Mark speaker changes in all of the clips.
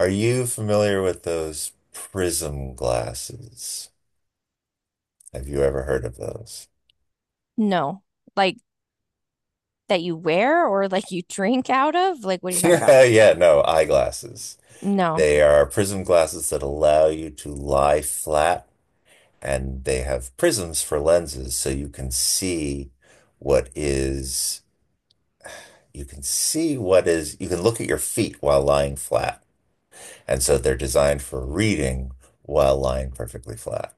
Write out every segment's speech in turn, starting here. Speaker 1: Are you familiar with those prism glasses? Have you ever heard of those?
Speaker 2: No. Like that you wear or like you drink out of? Like, what are you talking about?
Speaker 1: Yeah, no, eyeglasses.
Speaker 2: No,
Speaker 1: They are prism glasses that allow you to lie flat, and they have prisms for lenses, so you can see what is, you can see what is, you can look at your feet while lying flat. And so they're designed for reading while lying perfectly flat.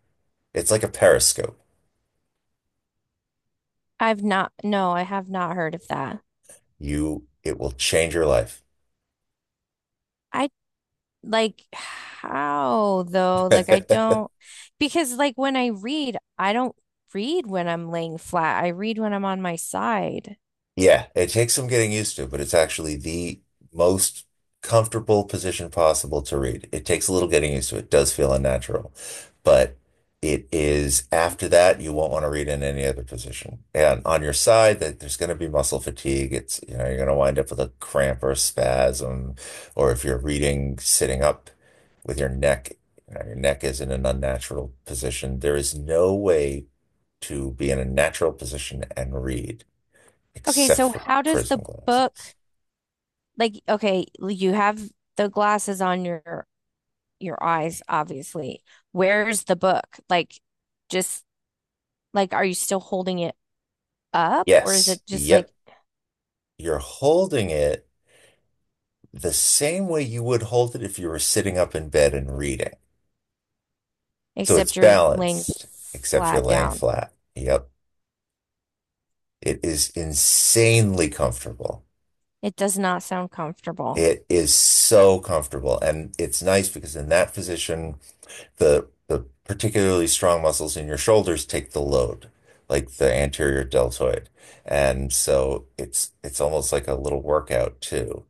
Speaker 1: It's like a periscope.
Speaker 2: I've not. No, I have not heard of that.
Speaker 1: You, it will change your life.
Speaker 2: I like how though? Like, I don't, because like when I read, I don't read when I'm laying flat. I read when I'm on my side.
Speaker 1: Yeah, it takes some getting used to, but it's actually the most comfortable position possible to read. It takes a little getting used to. It does feel unnatural, but it is after that you won't want to read in any other position. And on your side, that there's going to be muscle fatigue. It's, you know, you're going to wind up with a cramp or a spasm, or if you're reading sitting up with your neck, you know, your neck is in an unnatural position. There is no way to be in a natural position and read
Speaker 2: Okay,
Speaker 1: except
Speaker 2: so
Speaker 1: for
Speaker 2: how does
Speaker 1: prism
Speaker 2: the
Speaker 1: glasses.
Speaker 2: book like, okay, you have the glasses on your eyes, obviously. Where's the book? Like, just like, are you still holding it up, or is
Speaker 1: Yes.
Speaker 2: it just like
Speaker 1: Yep. You're holding it the same way you would hold it if you were sitting up in bed and reading. So it's
Speaker 2: except you're laying
Speaker 1: balanced, except you're
Speaker 2: flat
Speaker 1: laying
Speaker 2: down?
Speaker 1: flat. Yep. It is insanely comfortable.
Speaker 2: It does not sound comfortable.
Speaker 1: It is so comfortable. And it's nice because in that position, the particularly strong muscles in your shoulders take the load, like the anterior deltoid. And so it's almost like a little workout too.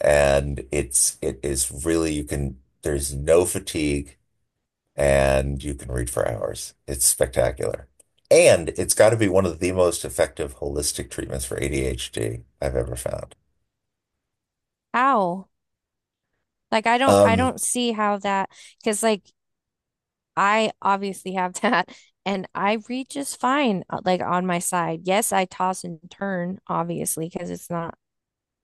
Speaker 1: And it is really you can there's no fatigue, and you can read for hours. It's spectacular. And it's got to be one of the most effective holistic treatments for ADHD I've ever found.
Speaker 2: Ow. Like I don't I
Speaker 1: Um,
Speaker 2: don't see how that because like I obviously have that and I read just fine like on my side. Yes, I toss and turn obviously because it's not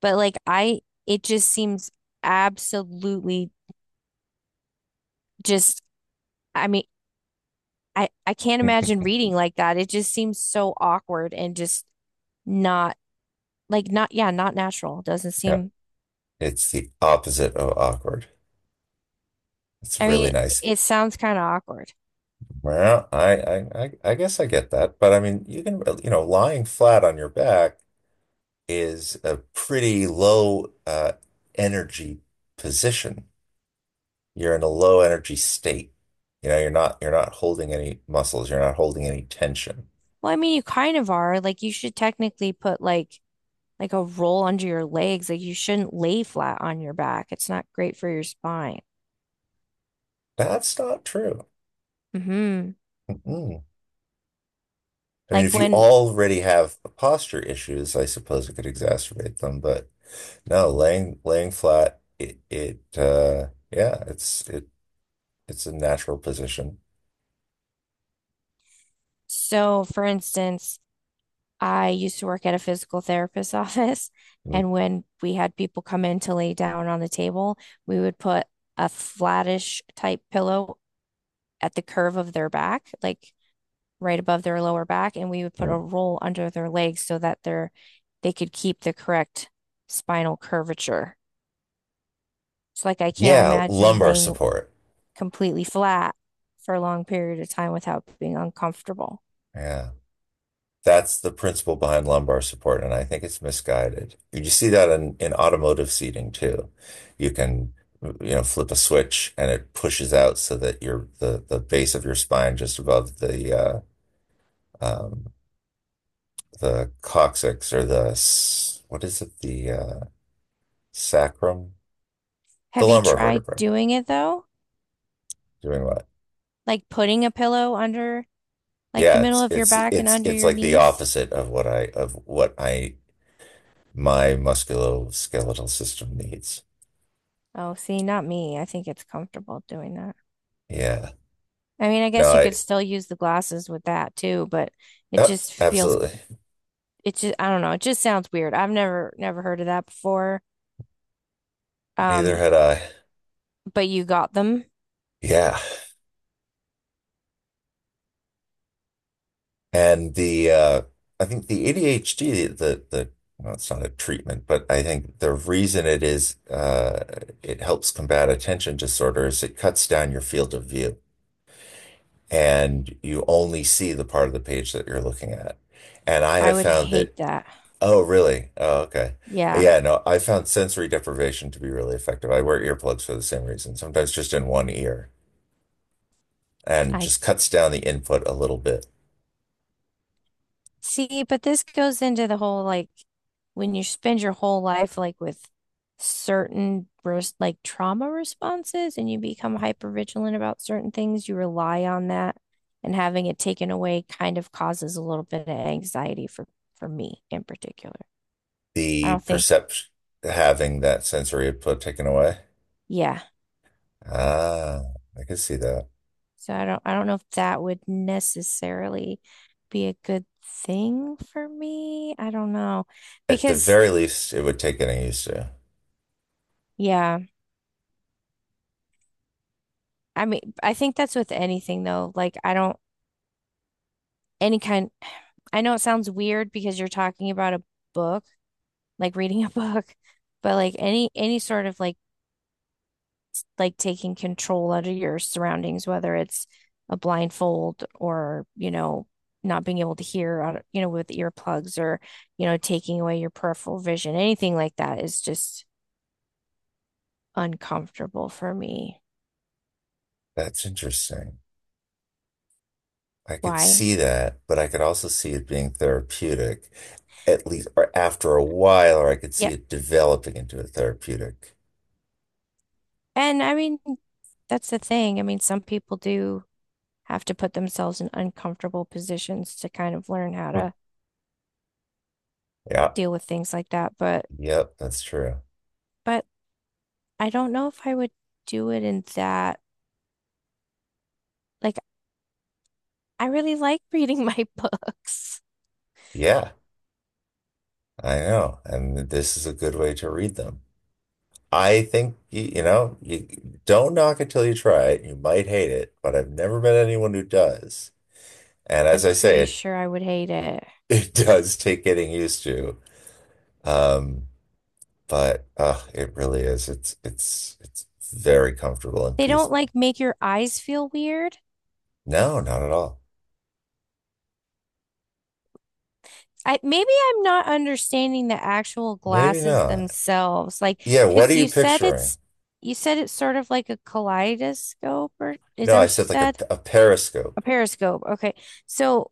Speaker 2: but like I it just seems absolutely just I mean I can't imagine reading like that. It just seems so awkward and just not like not yeah, not natural. Doesn't
Speaker 1: yeah,
Speaker 2: seem
Speaker 1: it's the opposite of awkward. It's
Speaker 2: I
Speaker 1: really
Speaker 2: mean,
Speaker 1: nice.
Speaker 2: it sounds kind of awkward.
Speaker 1: Well, I guess I get that, but I mean, you can, you know, lying flat on your back is a pretty low energy position. You're in a low energy state. You know, you're not holding any muscles, you're not holding any tension.
Speaker 2: Well, I mean, you kind of are. Like, you should technically put like a roll under your legs. Like, you shouldn't lay flat on your back. It's not great for your spine.
Speaker 1: That's not true.
Speaker 2: Hmm.
Speaker 1: Mm-mm. I mean,
Speaker 2: Like
Speaker 1: if you
Speaker 2: when,
Speaker 1: already have posture issues, I suppose it could exacerbate them, but no, laying flat, it yeah, it's it's a natural position.
Speaker 2: so for instance, I used to work at a physical therapist's office, and when we had people come in to lay down on the table, we would put a flattish type pillow at the curve of their back, like right above their lower back, and we would put a
Speaker 1: Mm-mm.
Speaker 2: roll under their legs so that they could keep the correct spinal curvature. So like I can't
Speaker 1: Yeah,
Speaker 2: imagine
Speaker 1: lumbar
Speaker 2: laying
Speaker 1: support.
Speaker 2: completely flat for a long period of time without being uncomfortable.
Speaker 1: Yeah. That's the principle behind lumbar support, and I think it's misguided. You see that in automotive seating too. You can, you know, flip a switch and it pushes out so that your the base of your spine just above um, the coccyx or the what is it the sacrum, the
Speaker 2: Have you
Speaker 1: lumbar
Speaker 2: tried
Speaker 1: vertebrae.
Speaker 2: doing it though?
Speaker 1: Doing what?
Speaker 2: Like putting a pillow under like the
Speaker 1: Yeah,
Speaker 2: middle
Speaker 1: it's
Speaker 2: of your
Speaker 1: it's
Speaker 2: back and
Speaker 1: it's
Speaker 2: under
Speaker 1: it's
Speaker 2: your
Speaker 1: like the
Speaker 2: knees?
Speaker 1: opposite of what I my musculoskeletal system needs.
Speaker 2: Oh, see, not me. I think it's comfortable doing that.
Speaker 1: Yeah.
Speaker 2: I mean, I
Speaker 1: No,
Speaker 2: guess you could
Speaker 1: I,
Speaker 2: still use the glasses with that too, but it
Speaker 1: Yep,
Speaker 2: just feels
Speaker 1: absolutely.
Speaker 2: it just I don't know, it just sounds weird. I've never heard of that before.
Speaker 1: Neither
Speaker 2: Um,
Speaker 1: had I.
Speaker 2: but you got them.
Speaker 1: Yeah. And the I think the ADHD the the well, it's not a treatment, but I think the reason it is it helps combat attention disorder is it cuts down your field of view, and you only see the part of the page that you're looking at. And I
Speaker 2: I
Speaker 1: have
Speaker 2: would
Speaker 1: found that,
Speaker 2: hate that.
Speaker 1: oh really? Oh, okay.
Speaker 2: Yeah.
Speaker 1: Yeah, no, I found sensory deprivation to be really effective. I wear earplugs for the same reason, sometimes just in one ear, and
Speaker 2: I
Speaker 1: just cuts down the input a little bit.
Speaker 2: see, but this goes into the whole like when you spend your whole life like with certain like trauma responses and you become hyper vigilant about certain things, you rely on that and having it taken away kind of causes a little bit of anxiety for me in particular. I
Speaker 1: The
Speaker 2: don't think,
Speaker 1: perception, having that sensory input taken away.
Speaker 2: yeah,
Speaker 1: Ah, I could see that.
Speaker 2: So I don't know if that would necessarily be a good thing for me. I don't know.
Speaker 1: At the
Speaker 2: Because
Speaker 1: very least, it would take getting used to.
Speaker 2: yeah, I mean I think that's with anything though. Like I don't any kind I know it sounds weird because you're talking about a book, like reading a book, but like any sort of like taking control out of your surroundings, whether it's a blindfold or, you know, not being able to hear, you know, with earplugs or, you know, taking away your peripheral vision, anything like that is just uncomfortable for me.
Speaker 1: That's interesting. I could
Speaker 2: Why?
Speaker 1: see that, but I could also see it being therapeutic, at least or after a while, or I could
Speaker 2: Yeah.
Speaker 1: see it developing into a therapeutic.
Speaker 2: And I mean, that's the thing. I mean, some people do have to put themselves in uncomfortable positions to kind of learn how
Speaker 1: Hmm.
Speaker 2: to
Speaker 1: Yeah,
Speaker 2: deal with things like that.
Speaker 1: yep, that's true.
Speaker 2: But I don't know if I would do it in that. Like, I really like reading my books.
Speaker 1: Yeah, I know. And this is a good way to read them. I think you, you know, you don't knock it till you try it. You might hate it, but I've never met anyone who does. And
Speaker 2: I'm
Speaker 1: as I say,
Speaker 2: pretty
Speaker 1: it
Speaker 2: sure I would hate it.
Speaker 1: it does take getting used to. Um, but it really is. It's very comfortable and
Speaker 2: They don't
Speaker 1: peaceful.
Speaker 2: like make your eyes feel weird.
Speaker 1: No, not at all.
Speaker 2: I maybe I'm not understanding the actual
Speaker 1: Maybe
Speaker 2: glasses
Speaker 1: not.
Speaker 2: themselves. Like,
Speaker 1: Yeah, what are
Speaker 2: because
Speaker 1: you picturing?
Speaker 2: you said it's sort of like a kaleidoscope, or is
Speaker 1: No,
Speaker 2: that
Speaker 1: I
Speaker 2: what you
Speaker 1: said like
Speaker 2: said?
Speaker 1: a
Speaker 2: A
Speaker 1: periscope.
Speaker 2: periscope. Okay. So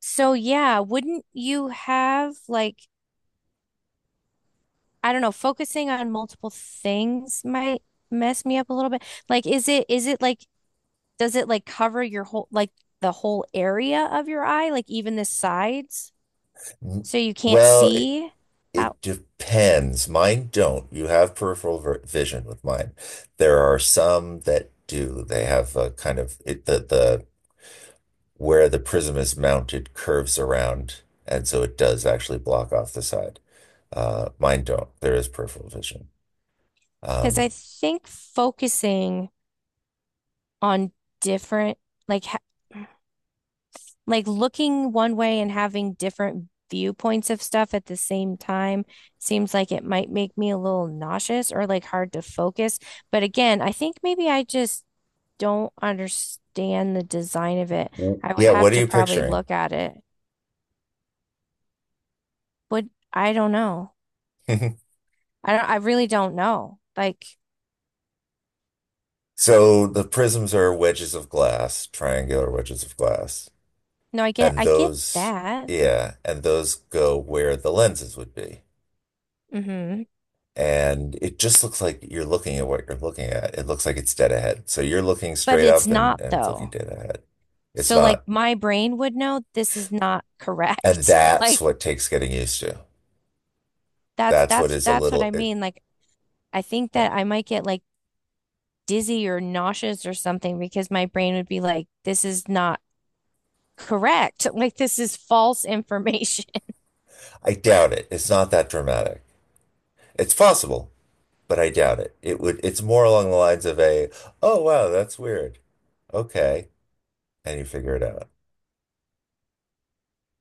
Speaker 2: so yeah, wouldn't you have like I don't know, focusing on multiple things might mess me up a little bit. Like, is it like does it like cover your whole like the whole area of your eye, like even the sides,
Speaker 1: N-
Speaker 2: so you can't
Speaker 1: Well,
Speaker 2: see out?
Speaker 1: it depends. Mine don't. You have peripheral vision with mine. There are some that do. They have a kind of it, the where the prism is mounted curves around, and so it does actually block off the side. Mine don't. There is peripheral vision.
Speaker 2: Because I
Speaker 1: Um,
Speaker 2: think focusing on different like ha like looking one way and having different viewpoints of stuff at the same time seems like it might make me a little nauseous or like hard to focus. But again, I think maybe I just don't understand the design of it. I would
Speaker 1: yeah,
Speaker 2: have
Speaker 1: what are
Speaker 2: to
Speaker 1: you
Speaker 2: probably
Speaker 1: picturing?
Speaker 2: look at it, but I don't know. I really don't know. Like,
Speaker 1: So the prisms are wedges of glass, triangular wedges of glass,
Speaker 2: no,
Speaker 1: and
Speaker 2: I get
Speaker 1: those,
Speaker 2: that.
Speaker 1: yeah, and those go where the lenses would be.
Speaker 2: Hmm.
Speaker 1: And it just looks like you're looking at what you're looking at. It looks like it's dead ahead. So you're looking
Speaker 2: But
Speaker 1: straight
Speaker 2: it's
Speaker 1: up,
Speaker 2: not
Speaker 1: and it's looking
Speaker 2: though.
Speaker 1: dead ahead. It's
Speaker 2: So like
Speaker 1: not.
Speaker 2: my brain would know this is not
Speaker 1: And
Speaker 2: correct.
Speaker 1: that's
Speaker 2: Like
Speaker 1: what takes getting used to. That's what is a
Speaker 2: that's what
Speaker 1: little,
Speaker 2: I
Speaker 1: it,
Speaker 2: mean. Like, I think
Speaker 1: yeah.
Speaker 2: that I might get like dizzy or nauseous or something because my brain would be like, this is not correct. Like this is false information.
Speaker 1: I doubt it. It's not that dramatic. It's possible, but I doubt it. It would, it's more along the lines of a, oh, wow, that's weird. Okay. And you figure it out.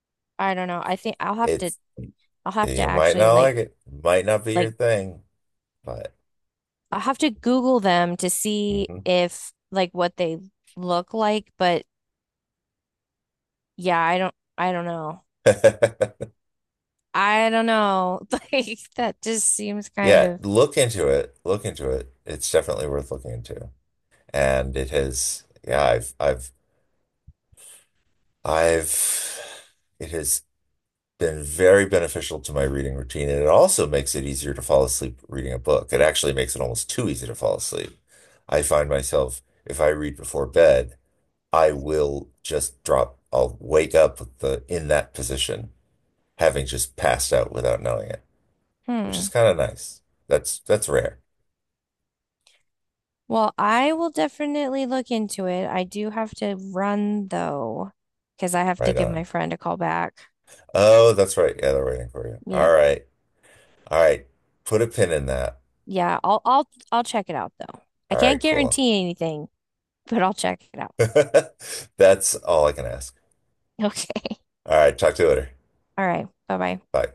Speaker 2: I don't know. I think
Speaker 1: It's,
Speaker 2: I'll have to
Speaker 1: you might
Speaker 2: actually
Speaker 1: not like it, might not be your
Speaker 2: like
Speaker 1: thing, but
Speaker 2: I'll have to Google them to see
Speaker 1: mhm.
Speaker 2: if like what they look like, but yeah, I don't know. I don't know. Like that just seems kind
Speaker 1: Yeah,
Speaker 2: of
Speaker 1: look into it. Look into it. It's definitely worth looking into. And it has, yeah, I've, it has been very beneficial to my reading routine. And it also makes it easier to fall asleep reading a book. It actually makes it almost too easy to fall asleep. I find myself, if I read before bed, I will just drop, I'll wake up with the, in that position, having just passed out without knowing it, which is
Speaker 2: hmm.
Speaker 1: kind of nice. That's rare,
Speaker 2: Well, I will definitely look into it. I do have to run though, because I have to
Speaker 1: right?
Speaker 2: give
Speaker 1: On.
Speaker 2: my friend a call back.
Speaker 1: Oh, that's right. Yeah, they're waiting for you. All
Speaker 2: Yep.
Speaker 1: right. All right. Put a pin in that.
Speaker 2: Yeah, I'll check it out though. I
Speaker 1: All
Speaker 2: can't
Speaker 1: right, cool.
Speaker 2: guarantee anything, but I'll check it out.
Speaker 1: That's all I can ask.
Speaker 2: Okay.
Speaker 1: All right, talk to you later.
Speaker 2: All right. Bye-bye.
Speaker 1: Bye.